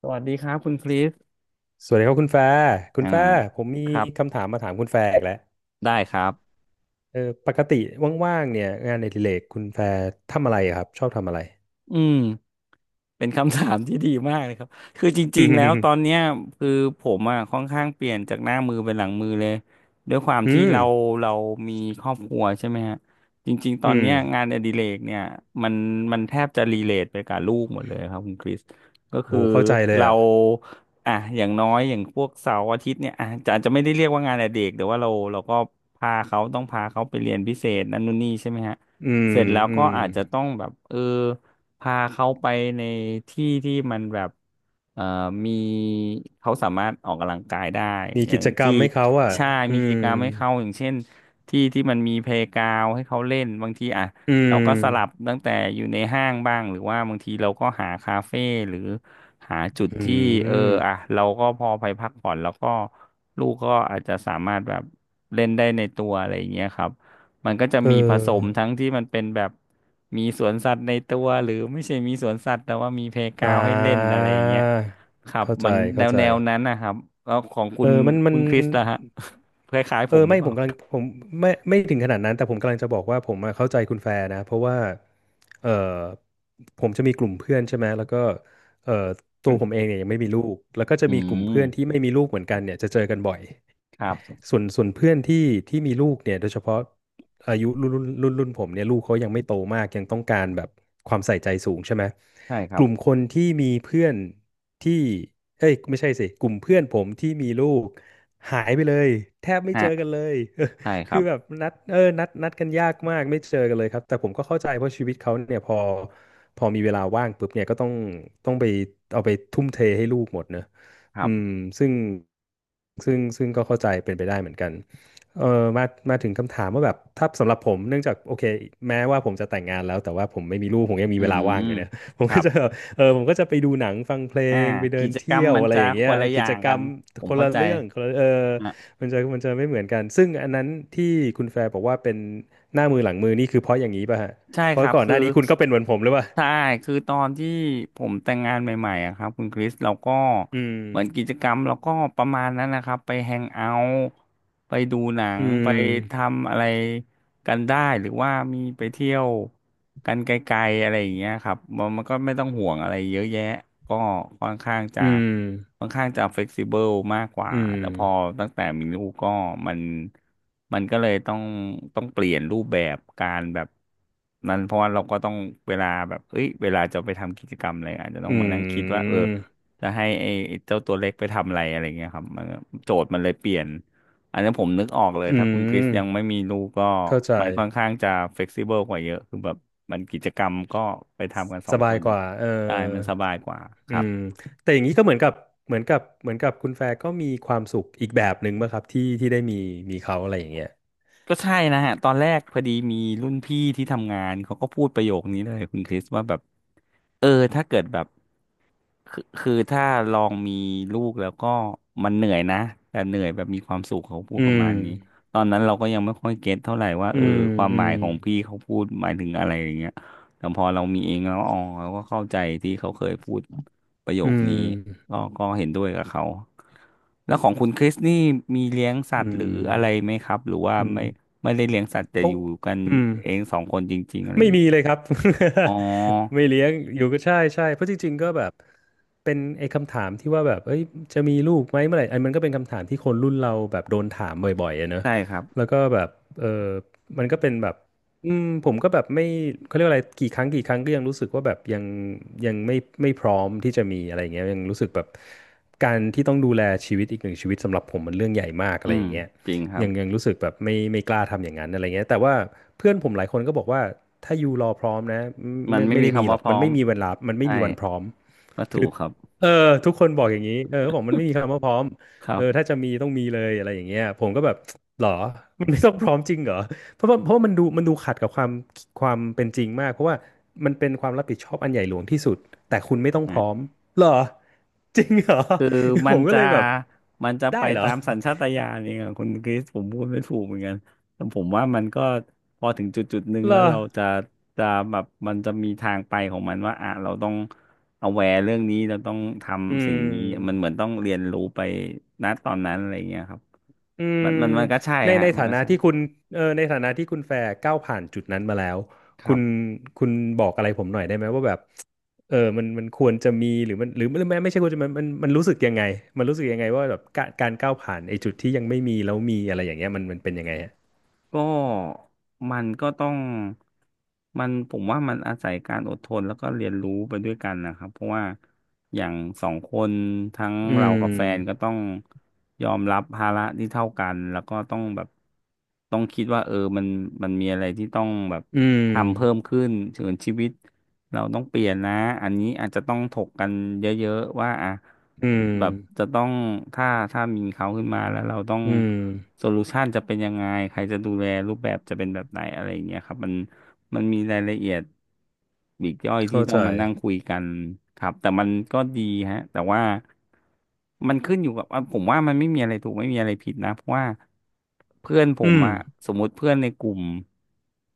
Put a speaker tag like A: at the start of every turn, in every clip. A: สวัสดีครับคุณคริส
B: สวัสดีครับคุณแฟร์คุณ
A: อ่า
B: แฟร์ผมมี
A: ครับ
B: คำถามมาถามคุณแฟร์อีกแล้ว
A: ได้ครับ
B: เออปกติว่างๆเนี่ยงานอดิเรกคุณแฟร์ทำอะไรอะครับชอบทำอะไร
A: อืม เป็นคำถามที่ดีมากเลยครับ คือจ
B: อื
A: ริงๆแล้วตอน
B: ม
A: เนี้ยคือผมอ่ะค่อนข้างเปลี่ยนจากหน้ามือเป็นหลังมือเลยด้วยความ
B: อื
A: ที่
B: ม
A: เราเรามีครอบครัวใช่ไหมฮะจริงๆตอน
B: อืม
A: เนี้ยงานอดิเรกเนี่ยมันมันแทบจะรีเลทไปกับลูกหมดเลยครับคุณคริสก็
B: โห
A: คือ
B: เข้าใจเลย
A: เรา
B: อ่ะ
A: อ่ะอย่างน้อยอย่างพวกเสาร์อาทิตย์เนี่ยอ่ะจะอาจจะไม่ได้เรียกว่างานอดิเรกแต่ว่าเราก็พาเขาต้องพาเขาไปเรียนพิเศษนั่นนู่นนี่ใช่ไหมฮะ
B: อืม
A: เสร็จแล้ว
B: อื
A: ก็
B: ม
A: อาจจะต้องแบบพาเขาไปในที่ที่มันแบบเอ่อมีเขาสามารถออกกำลังกายได้
B: มี
A: อย่า
B: กิ
A: ง
B: จกรร
A: ที่
B: มให้เขาอ่ะ
A: ใช่
B: อื
A: มีกิจ
B: ม
A: กรรมให้เขาอย่างเช่นที่ที่มันมีเพลย์กราวให้เขาเล่น บางทีอ่ะ
B: อื
A: เราก็สลับ
B: ม
A: ตั้งแต่อยู่ในห้างบ้างหรือว่าบางทีเราก็หาคาเฟ่หรือหาจุด
B: อื
A: ที่เอออ่ะ
B: ม
A: เราก็พอไปพักผ่อนแล้วก็ลูกก็อาจจะสามารถแบบเล่นได้ในตัวอะไรอย่างเงี้ยครับ มันก็จะ
B: เ
A: มีผสม
B: ออ
A: ทั้งที่มันเป็นแบบมีสวนสัตว์ในตัวหรือไม่ใช่มีสวนสัตว์แต่ว่ามีเพลย์ก
B: อ่
A: ราวด์ให้เล่นอะไรอย่างเงี้ย
B: า
A: ครับ
B: เข้าใจ
A: มัน
B: เข้าใจ
A: แนวนั้นนะครับแล้วของคุณ
B: มันมั
A: คุ
B: น
A: ณคริสล่ะฮะ คล้ายๆผมหรื
B: ไม่
A: อเป
B: ผ
A: ล่า
B: มกำลังไม่ถึงขนาดนั้นแต่ผมกำลังจะบอกว่าผมอะเข้าใจคุณแฟร์นะเพราะว่าเออผมจะมีกลุ่มเพื่อนใช่ไหมแล้วก็เออ ตัวผมเองเนี่ยยังไม่มีลูกแล้วก็จะ
A: อื
B: มีกลุ่มเพื่อนที่
A: ม
B: ไม่มีลูกเหมือนกันเนี่ยจะเจอกันบ่อย
A: ครับ
B: ส่วนเพื่อนที่ที่มีลูกเนี่ยโดยเฉพาะอายุรุ่นผมเนี่ยลูกเขายังไม่โตมากยังต้องการแบบความใส่ใจสูงใช่ไหม
A: ใช่ค
B: ก
A: รับ
B: ลุ่มคนที่มีเพื่อนที่เอ้ยไม่ใช่สิกลุ่มเพื่อนผมที่มีลูกหายไปเลยแทบไม่
A: ฮะ
B: เจอกันเลย
A: ใช่ค
B: คื
A: รั
B: อ
A: บ
B: แบบนัดนัดกันยากมากไม่เจอกันเลยครับแต่ผมก็เข้าใจเพราะชีวิตเขาเนี่ยพอพอมีเวลาว่างปุ๊บเนี่ยก็ต้องไปเอาไปทุ่มเทให้ลูกหมดเนอะ
A: ครั
B: อืม
A: บ
B: ซึ่งซึ่งก็เข้าใจเป็นไปได้เหมือนกันเออมามาถึงคำถามว่าแบบถ้าสำหรับผมเนื่องจากโอเคแม้ว่าผมจะแต่งงานแล้วแต่ว่าผมไม่มีลูกผมยังมี
A: อื
B: เวลาว่า
A: ม
B: งอยู่เนี่ย ผ
A: ค
B: ม
A: รั
B: ก็
A: บ
B: จะผมก็จะไปดูหนังฟังเพล
A: อ่า
B: งไปเดิ
A: กิ
B: น
A: จกร
B: เที่
A: รม
B: ยว
A: มัน
B: อะไร
A: จะ
B: อย่าง
A: ค
B: เงี้ย
A: นละอ
B: กิ
A: ย่า
B: จ
A: ง
B: กร
A: กั
B: ร
A: น
B: ม
A: ผ
B: ค
A: ม
B: น
A: เข้า
B: ละ
A: ใจ
B: เรื่องคนละมันจะไม่เหมือนกันซึ่งอันนั้นที่คุณแฟร์บอกว่าเป็นหน้ามือหลังมือนี่คือเพราะอย่างนี้ป่ะฮะ
A: ใช่
B: เพ
A: ค
B: ราะ
A: รับ
B: ก่อนห
A: คือ
B: น้านี้คุณก็เป็นเหมือนผมหรือเปล่า
A: ใช่คือตอนที่ผมแต่งงานใหม่ๆอะครับคุณคริสเราก็
B: อืม
A: เหมือนกิจกรรมเราก็ประมาณนั้นนะครับไปแฮงเอาท์ไปดูหนั
B: อื
A: งไป
B: ม
A: ทำอะไร กันได้หรือว่ามีไปเที่ยวกันไกลๆอะไรอย่างเงี้ยครับมันก็ไม่ต้องห่วงอะไรเยอะแยะก็ค่อนข้างจะ
B: อืม
A: เฟกซิเบิลมากกว่า
B: อืม
A: แต่พอตั้งแต่มีลูกก็มันมันก็เลยต้องเปลี่ยนรูปแบบการแบบนั้นเพราะว่าเราก็ต้องเวลาแบบเอ้ยเวลาจะไปทำกิจกรรมอะไรอาจจะต้อง
B: อื
A: มานั่งคิดว่าเออ
B: ม
A: จะให้ไอ้เจ้าตัวเล็กไปทำอะไรอะไรเงี้ยครับมันก็โจทย์มันเลยเปลี่ยน อันนี้ผมนึกออกเลย
B: อื
A: ถ้าคุณคริส
B: ม
A: ยังไม่มีลูกก็
B: เข้าใจ
A: มันค่อนข้างจะเฟ e ซิเบิลกว่าเยอะคือแบบมันกิจกรรมก็ไปทำกันสอ
B: ส
A: งค
B: บาย
A: น
B: กว่า
A: ได้มันสบายกว่าค
B: อื
A: รับ
B: มแต่อย่างนี้ก็เหมือนกับเหมือนกับคุณแฟร์ก็มีความสุขอีกแบบหนึ่งป่ะครับที่ที่ได้มีมีเขาอะไรอย่างเงี้ย
A: ก็ใช่นะฮะตอนแรกพอดีมีรุ่นพี่ที่ทำงานเขาก็พูดประโยคนี้เลยคุณคริสว่าแบบ เออถ้าเกิดแบบคือถ้าลองมีลูกแล้วก็มันเหนื่อยนะแต่เหนื่อยแบบมีความสุขเขาพูด
B: อื
A: ประมา
B: ม
A: ณนี้ตอนนั้นเราก็ยังไม่ค่อยเก็ตเท่าไหร่ว่า
B: อื
A: เออ
B: ม
A: ความ
B: อื
A: หมาย
B: ม
A: ของพี่เขาพูดหมายถึงอะไรอย่างเงี้ยแต่พอเรามีเองแล้วอ๋อเราก็เข้าใจที่เขาเคยพูดประโย
B: อื
A: คนี้
B: ม
A: ก็เห็นด้วยกับเขาแล้วของคุณคริสนี่มีเลี้ยงสั
B: อื
A: ตว์หรืออะไรไห
B: ม
A: มครับหรือว่า
B: อืม
A: ไม่ไม่ได้เลี้ยงสัตว์
B: เพ
A: แต่อ
B: ราะ
A: ยู่กัน
B: อืม
A: เองสองคนจริงๆอะไรอ
B: ไม่
A: ย่างงี้
B: มีเลยครับ
A: อ๋อ
B: ไม่เลี้ยงอยู่ก็ใช่ใช่เพราะจริงๆก็แบบเป็นไอ้คำถามที่ว่าแบบเอ้ยจะมีลูกไหมเมื่อไหร่อันมันก็เป็นคำถามที่คนรุ่นเราแบบโดนถามบ่อยๆอะเนอะ
A: ใช่ครับ
B: แล้วก็แบบเออมันก็เป็นแบบอืมผมก็แบบไม่เขาเรียกว่าอะไรกี่ครั้งก็ยังรู้สึกว่าแบบยังยังไม่พร้อมที่จะมีอะไรอย่างเงี้ยยังรู้สึกแบบการที่ต้องดูแลชีวิตอีกหนึ่งชีวิตสำหรับผมมันเรื่องใหญ่มากอะ
A: อื
B: ไรอ
A: ม
B: ย่างเงี้ย
A: จริงครับ
B: ยังยังรู้สึกแบบไม่กล้าทำอย่างนั้นอะไรเงี้ยแต่ว่าเพื่อนผมหลายคนก็บอกว่าถ้ายูรอพร้อมนะ
A: มัน
B: ไม่
A: ไม่มี
B: ได้มี
A: คำ
B: หร
A: ว่า
B: อก
A: พร้
B: มั
A: อ
B: น
A: ม
B: ไม่มีเวลามันไม่
A: ใช่
B: มีวันพร้อม
A: ก็ถู
B: คือ
A: กครับ
B: เออทุกคนบอกอย่างนี้เออเขาบอกมันไม่มีคำว่าพร้อม
A: ครั
B: เออถ้า
A: บ
B: จะมีต้องมีเลยอะไรอย่างเงี้ยผมก็แบบหรอมันไม่ต้องพร้อมจริงเหรอเพราะว่ามันดูขัดกับความเป็นจริงมากเพราะว่ามันเป็นความรับผิดชอบอันใหญ่หลวงที่สุดแต่คุณไม่ต้องพ
A: ฮะ
B: ร้อมเหรอจริงเหรอ
A: คือ มั
B: ผ
A: น
B: มก็
A: จะ
B: เลยแบบได้
A: ไป
B: เหรอ
A: ตามสัญชาตญาณเองอะคุณคริสผมพูดไม่ถูกเหมือนกันแต่ผมว่ามันก็พอถึงจุดจุดหนึ่ง
B: เหร
A: แล้ว
B: อ
A: เราจะจะแบบมันจะมีทางไปของมันว่าอ่ะเราต้อง a แวร์เรื่องนี้เราต้องท
B: อื
A: ำสิ่งนี้มัน
B: ม
A: เหมือนต้องเรียนรู้ไปณตอนนั้นอะไรอย่างเงี้ยครับ
B: อืม
A: มันก็ใช่
B: ใน
A: ฮะมัน
B: ฐา
A: ก็
B: นะ
A: ใช่
B: ที่คุณในฐานะที่คุณแฟร์ก้าวผ่านจุดนั้นมาแล้ว
A: ค
B: คุ
A: รั
B: ณ
A: บ
B: คุณบอกอะไรผมหน่อยได้ไหมว่าแบบมันควรจะมีหรือมันหรือไม่ไม่ใช่ควรจะมันรู้สึกยังไงมันรู้สึกยังไงว่าแบบการก้าวผ่านไอ้จุดที่ยังไม่มีแล้วมีอะไรอย่างเงี้ยมันเป็นยังไงฮะ
A: ก็มันก็ต้องผมว่ามันอาศัยการอดทนแล้วก็เรียนรู้ไปด้วยกันนะครับเพราะว่าอย่างสองคนทั้ง
B: อื
A: เรากับแฟนก็
B: ม
A: ต้องยอมรับภาระที่เท่ากันแล้วก็ต้องแบบต้องคิดว่าเออมันมีอะไรที่ต้องแบบ
B: อืม
A: ทำเพิ่มขึ้นถึงชีวิต เราต้องเปลี่ยนนะ อันนี้อาจจะต้องถกกันเยอะๆ ว่าอ่ะ
B: อืม
A: แบบจะต้องถ้ามีเขาขึ้นมาแล้วเราต้อง
B: อืม
A: โซลูชันจะเป็นยังไง ใครจะดูแลรูปแบบจะเป็นแบบไหนอะไรอย่างเงี้ยครับมัน มันมีรายละเอียดปลีกย่อยที่
B: เข้า
A: ต้อ
B: ใจ
A: งมานั่งคุยกันครับแต่มันก็ดีฮะแต่ว่ามันขึ้นอยู่กับว่าผมว่ามันไม่มีอะไรถูกไม่มีอะไรผิดนะเพราะว่าเพื่อนผม
B: อืม
A: อะสมมุติเพื่อนในกลุ่ม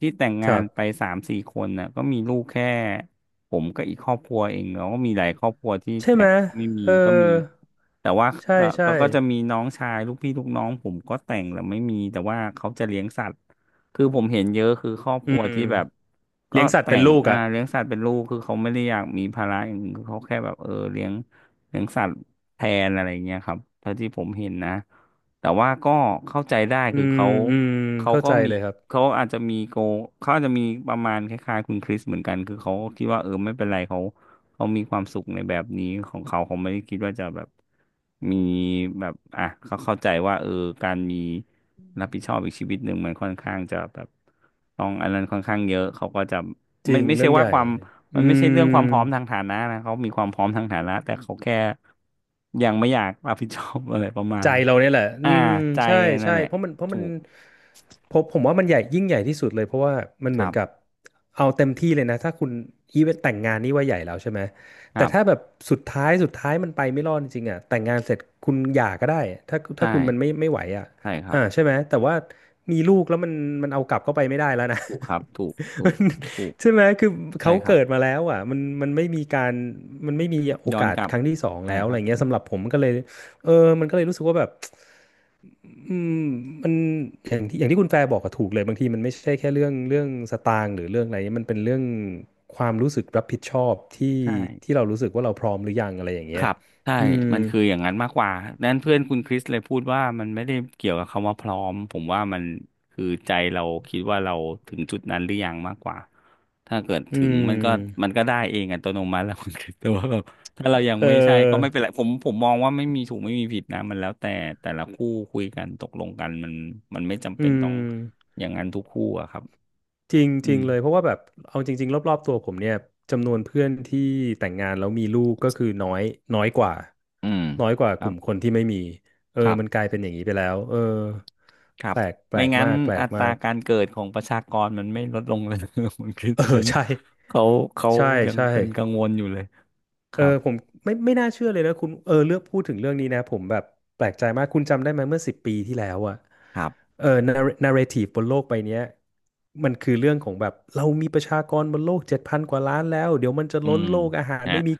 A: ที่แต่ง
B: ค
A: งา
B: รั
A: นไป
B: บ
A: สามสี่คนน่ะก็มีลูกแค่ผมก็อีกครอบครัวเองแล้วก็มีหลายครอบครัวที่
B: ใช่
A: แต่
B: ไหม
A: งแล้วก็ไม่มี
B: เออ
A: ก็มีแต่ว่า
B: ใช่
A: ก็
B: ใช่
A: ก็ก็จะมีน้องชายลูกพี่ลูกน้องผมก็แต่งแล้วไม่มีแต่ว่าเขาจะเลี้ยงสัตว์ คือผมเห็นเยอะคือครอบค
B: อื
A: รัว
B: ม
A: ที่แบบก็
B: เลี้ยงสัตว์
A: แต่
B: เป็น
A: ง
B: ลูกอ่ะ
A: เลี้ยงสัตว์เป็นลูกคือเขาไม่ได้อยากมีภาระอย่างอื่นคือเขาแค่แบบเออเลี้ยงเลี้ยงสัตว์แทนอะไรเงี้ยครับเท่าที่ผมเห็นนะแต่ว่าก็เข้าใจได้
B: อื
A: คือ
B: ม
A: เขา
B: อืม
A: เขา
B: เข้า
A: ก็
B: ใจ
A: มี
B: เลยครับ
A: เขาอาจจะมีโกเขาอาจจะมีประมาณคล้ายๆคุณคริสเหมือนกันคือเขาคิดว่าเออไม่เป็นไรเขา เขามีความสุขในแบบนี้ของเขาเขาไม่ได้คิดว่าจะแบบมีแบบอ่ะเขาเข้าใจว่าเออการมีรับผิดชอบอีกชีวิตหนึ่งมันค่อนข้างจะแบบต้องอันนั้นค่อนข้างเยอะเขาก็จะ
B: จ
A: ไม่
B: ริง
A: ไม่ใช่
B: เรื่องให
A: ว่า
B: ญ่
A: ความ
B: อื
A: มันไม่ใช่เรื่องความพร้อม
B: ม
A: ทางฐานะนะเขามีความพร้อมทางฐานะแต่เขาแค่ยังไม่อยากรับผิดชอบ อะไรประมาณ
B: ใจ
A: นั้น
B: เราเนี่ยแหละ อื
A: อ่า
B: ม
A: ใจ
B: ใช่
A: นั่
B: ใช่
A: นแหละ
B: เพราะมันเพราะมั
A: ถู
B: น
A: ก
B: ผมว่ามันใหญ่ยิ่งใหญ่ที่สุดเลยเพราะว่ามัน
A: ค
B: เหมื
A: รั
B: อนกับ
A: บ
B: เอาเต็มที่เลยนะถ้าคุณอีเวนต์แต่งงานนี่ว่าใหญ่แล้วใช่ไหม
A: ค
B: แต่
A: รั
B: ถ้าแบ
A: บ
B: บสุดท้ายมันไปไม่รอดจริงๆอ่ะแต่งงานเสร็จคุณหย่าก็ได้ถ้า
A: ใช่
B: คุณมันไม่ไหวอ่ะ
A: ใช่ครับ
B: อ่าใช่ไหมแต่ว่ามีลูกแล้วมันมันเอากลับเข้าไปไม่ได้แล้วนะ
A: ถูกครับถูก ถู
B: มัน
A: กถูก
B: ใช่ไหมคือ
A: ใช่
B: เขา
A: ครับ
B: เกิดมาแล้วอ่ะมันไม่มีการมันไม่มีโอ
A: ย้อน
B: กาส
A: กลับ
B: ครั้งที่สอง
A: ใช่
B: แล้ว
A: ค
B: อะ
A: รั
B: ไร
A: บ
B: เงี้ยสำหรับผมก็เลยเออมันก็เลยรู้สึกว่าแบบ อืมมันอย่างที่คุณแฟร์บอกก็ถูกเลยบางทีมันไม่ใช่แค่เรื่องสตางค์หรือเรื่องอะไรมันเป็นเรื่องความรู้สึกรับผิดชอบที่
A: ใช่
B: ที่เรารู้สึกว่าเราพร้อมหรือยังอะไรอย่าง
A: ค
B: เงี้ย
A: รับใช่
B: อืม
A: มันคืออย่างนั้นมากกว่านั้นเพื่อนคุณคริสเลยพูดว่ามันไม่ได้เกี่ยวกับคำว่าพร้อมผมว่ามันคือใจเราคิดว่าเราถึงจุดนั้นหรือยังมากกว่าถ้าเกิด
B: อื
A: ถึงมันก็มั
B: ม
A: นก็ได้เองอัตโนมัติแล้วคุณคริสแต่ว่าแบบถ้าเรายัง
B: เ
A: ไม่ใช่ก็ไม่
B: ออ
A: เป็นไรผมมองว่าไม่มีถูกไม่มีผิดนะมันแล้วแต่แต่ละคู่คุยกันตกลงกันมันมันไม่จำ
B: อื
A: เป็นต้อง
B: ม
A: อย่างนั้นทุกคู่อะครับ
B: จริง
A: อื
B: จริง
A: ม
B: เลยเพราะว่าแบบเอาจริงๆรอบๆตัวผมเนี่ยจำนวนเพื่อนที่แต่งงานแล้วมีลูกก็คือน้อยน้อยกว่า
A: อืม
B: น้อยกว่า
A: ค
B: ก
A: รั
B: ลุ่
A: บ
B: มคนที่ไม่มีเออ
A: ครั
B: มันกลา
A: บ
B: ยเป็นอย่างนี้ไปแล้วเออ
A: ครั
B: แป
A: บ
B: ลก
A: ไม่งั้น
B: แปล
A: อั
B: ก
A: ตรา
B: มาก
A: การเกิดของประชากรมันไม่ลดลงเลย มันคือ
B: เออ
A: เพราะฉะนั้น
B: ใช่
A: เขาเขา
B: ใช่
A: ยัง
B: ใช่
A: เป็นกังวลอยู่เลย ค
B: เออ
A: รับ
B: ผมไม่น่าเชื่อเลยนะคุณเออเลือกพูดถึงเรื่องนี้นะผมแบบแปลกใจมากคุณจำได้ไหมเมื่อ10 ปีที่แล้วอะ
A: ครับ
B: เออนาร์เรทีฟบนโลกใบเนี้ยมันคือเรื่องของแบบเรามีประชากรบนโลก7 พันกว่าล้านแล้วเดี๋ยวมันจะ
A: อื
B: ล้น
A: ม
B: โลกอาหาร
A: ฮะ
B: ไม่มี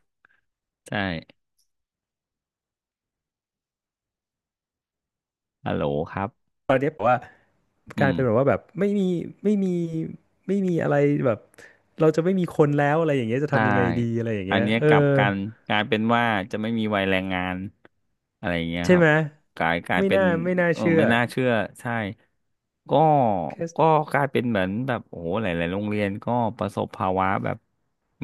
A: ใช่ฮัลโหลครับ
B: ตอนเนี้ยแบบว่า
A: อื
B: กลาย
A: ม
B: เป็นแบบว่าแบบไม่มีไม่มีอะไรแบบเราจะไม่มีคนแล้วอะไรอย่างเงี้ยจะ
A: ใช่
B: ทำยังไงดีอะไรอย่าง
A: อั
B: เงี้
A: น
B: ย
A: เนี้ย
B: เออ
A: กลับกันกลายเป็นว่าจะไม่มีวัยแรงงานอะไรอย่างเงี้ย
B: ใช่
A: ครับ
B: ไหม
A: กลายกลายเป็น
B: ไม่น่า
A: เออ
B: เชื่อ
A: ไม่น่าเชื่อใช่ก็
B: แค่
A: ก็กลายเป็นเหมือนแบบโอ้โหหลายๆโรงเรียนก็ประสบภาวะแบบ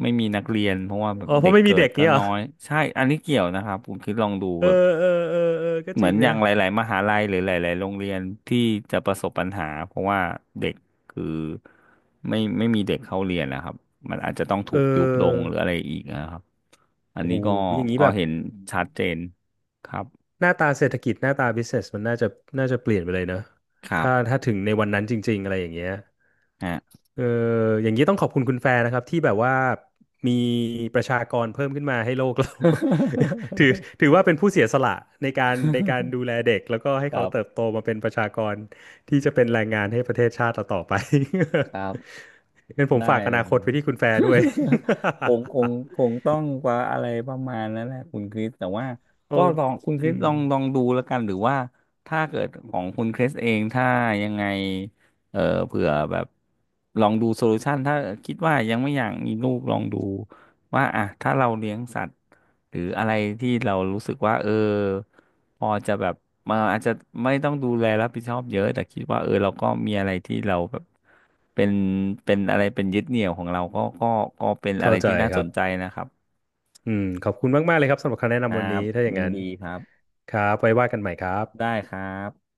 A: ไม่มีนักเรียนเพราะว่าแบบ
B: อ๋อเพ
A: เด็
B: ราะ
A: ก
B: ไม่มี
A: เกิด
B: เด็ก
A: ก็
B: เงี้ยเหร
A: น้
B: อ
A: อยใช่อันนี้เกี่ยวนะครับคุณคิดลองดู
B: เออ
A: แบบ
B: เออก็
A: เห
B: จ
A: มื
B: ริ
A: อ
B: ง
A: นอ
B: นะ
A: ย่างหลายๆมหาลัยหรือหลายๆโรงเรียนที่จะประสบปัญหาเพราะว่าเด็กคือไม่มีเด็กเข้าเรียนนะครับมันอาจจะต้อง
B: เอ
A: ถูกยุบลง
B: อ
A: หรืออะไรอีกนะครับอัน
B: โอ้โห
A: นี้ก็
B: อย่างนี้
A: ก็
B: แบบ
A: เห็นชัดเจนครับ
B: หน้าตาเศรษฐกิจหน้าตาบิสเ s สมันน่าจะน่าจะเปลี่ยนไปเลยเนอะ
A: ครั
B: ถ้า
A: บ
B: ถ้าถึงในวันนั้นจริงๆอะไรอย่างเงี้ย
A: ฮะ
B: เอออย่างนี้ต้องขอบคุณคุณแฟนนะครับที่แบบว่ามีประชากรเพิ่มขึ้นมาให้โลกเรา ถือถือว่าเป็นผู้เสียสละในการดูแลเด็กแล้วก็ให้
A: ค
B: เขา
A: รั
B: เติบ
A: บ
B: โตมาเป็นประชากรที่จะเป็นแรงงานให้ประเทศชาติเราต่อไป
A: ครับ
B: งั้นผม
A: ได้
B: ฝากอ
A: เลย
B: นาคตไปที่คุณแฟร์ด้วย
A: ผมคง คงต้องว่าอะไรประมาณนั้นแหละคุณคริส แต่ว่า
B: โอ้
A: ก็ลองคุณค
B: อื
A: ริส
B: ม
A: ลองดูแล้วกันหรือว่าถ้าเกิดของคุณคริสเองถ้ายังไงเออเผื่อแบบลองดูโซลูชันถ้าคิดว่ายังไม่อยากมีลูกลองดู ว่าอ่ะถ้าเราเลี้ยงสัตว์หรืออะไรที่เรารู้สึกว่าเออพอจะแบบมาอาจจะไม่ต้องดูแลรับผิดชอบเยอะแต่คิดว่าเออเราก็มีอะไรที่เราแบบเป็นเป็นอะไรเป็นยึดเหนี่ยวของเราก็ก็เป็นอะ
B: เข้า
A: ไร
B: ใจ
A: ที่น่า
B: ค
A: ส
B: รับ
A: นใจนะครับ
B: อืมขอบคุณมากๆเลยครับสำหรับคำแนะ
A: ครั
B: นำวันนี้
A: บ
B: ถ้าอย่าง
A: ยิน
B: นั้น
A: ดีครับ
B: ครับไว้ว่ากันใหม่ครับ
A: ได้ครับ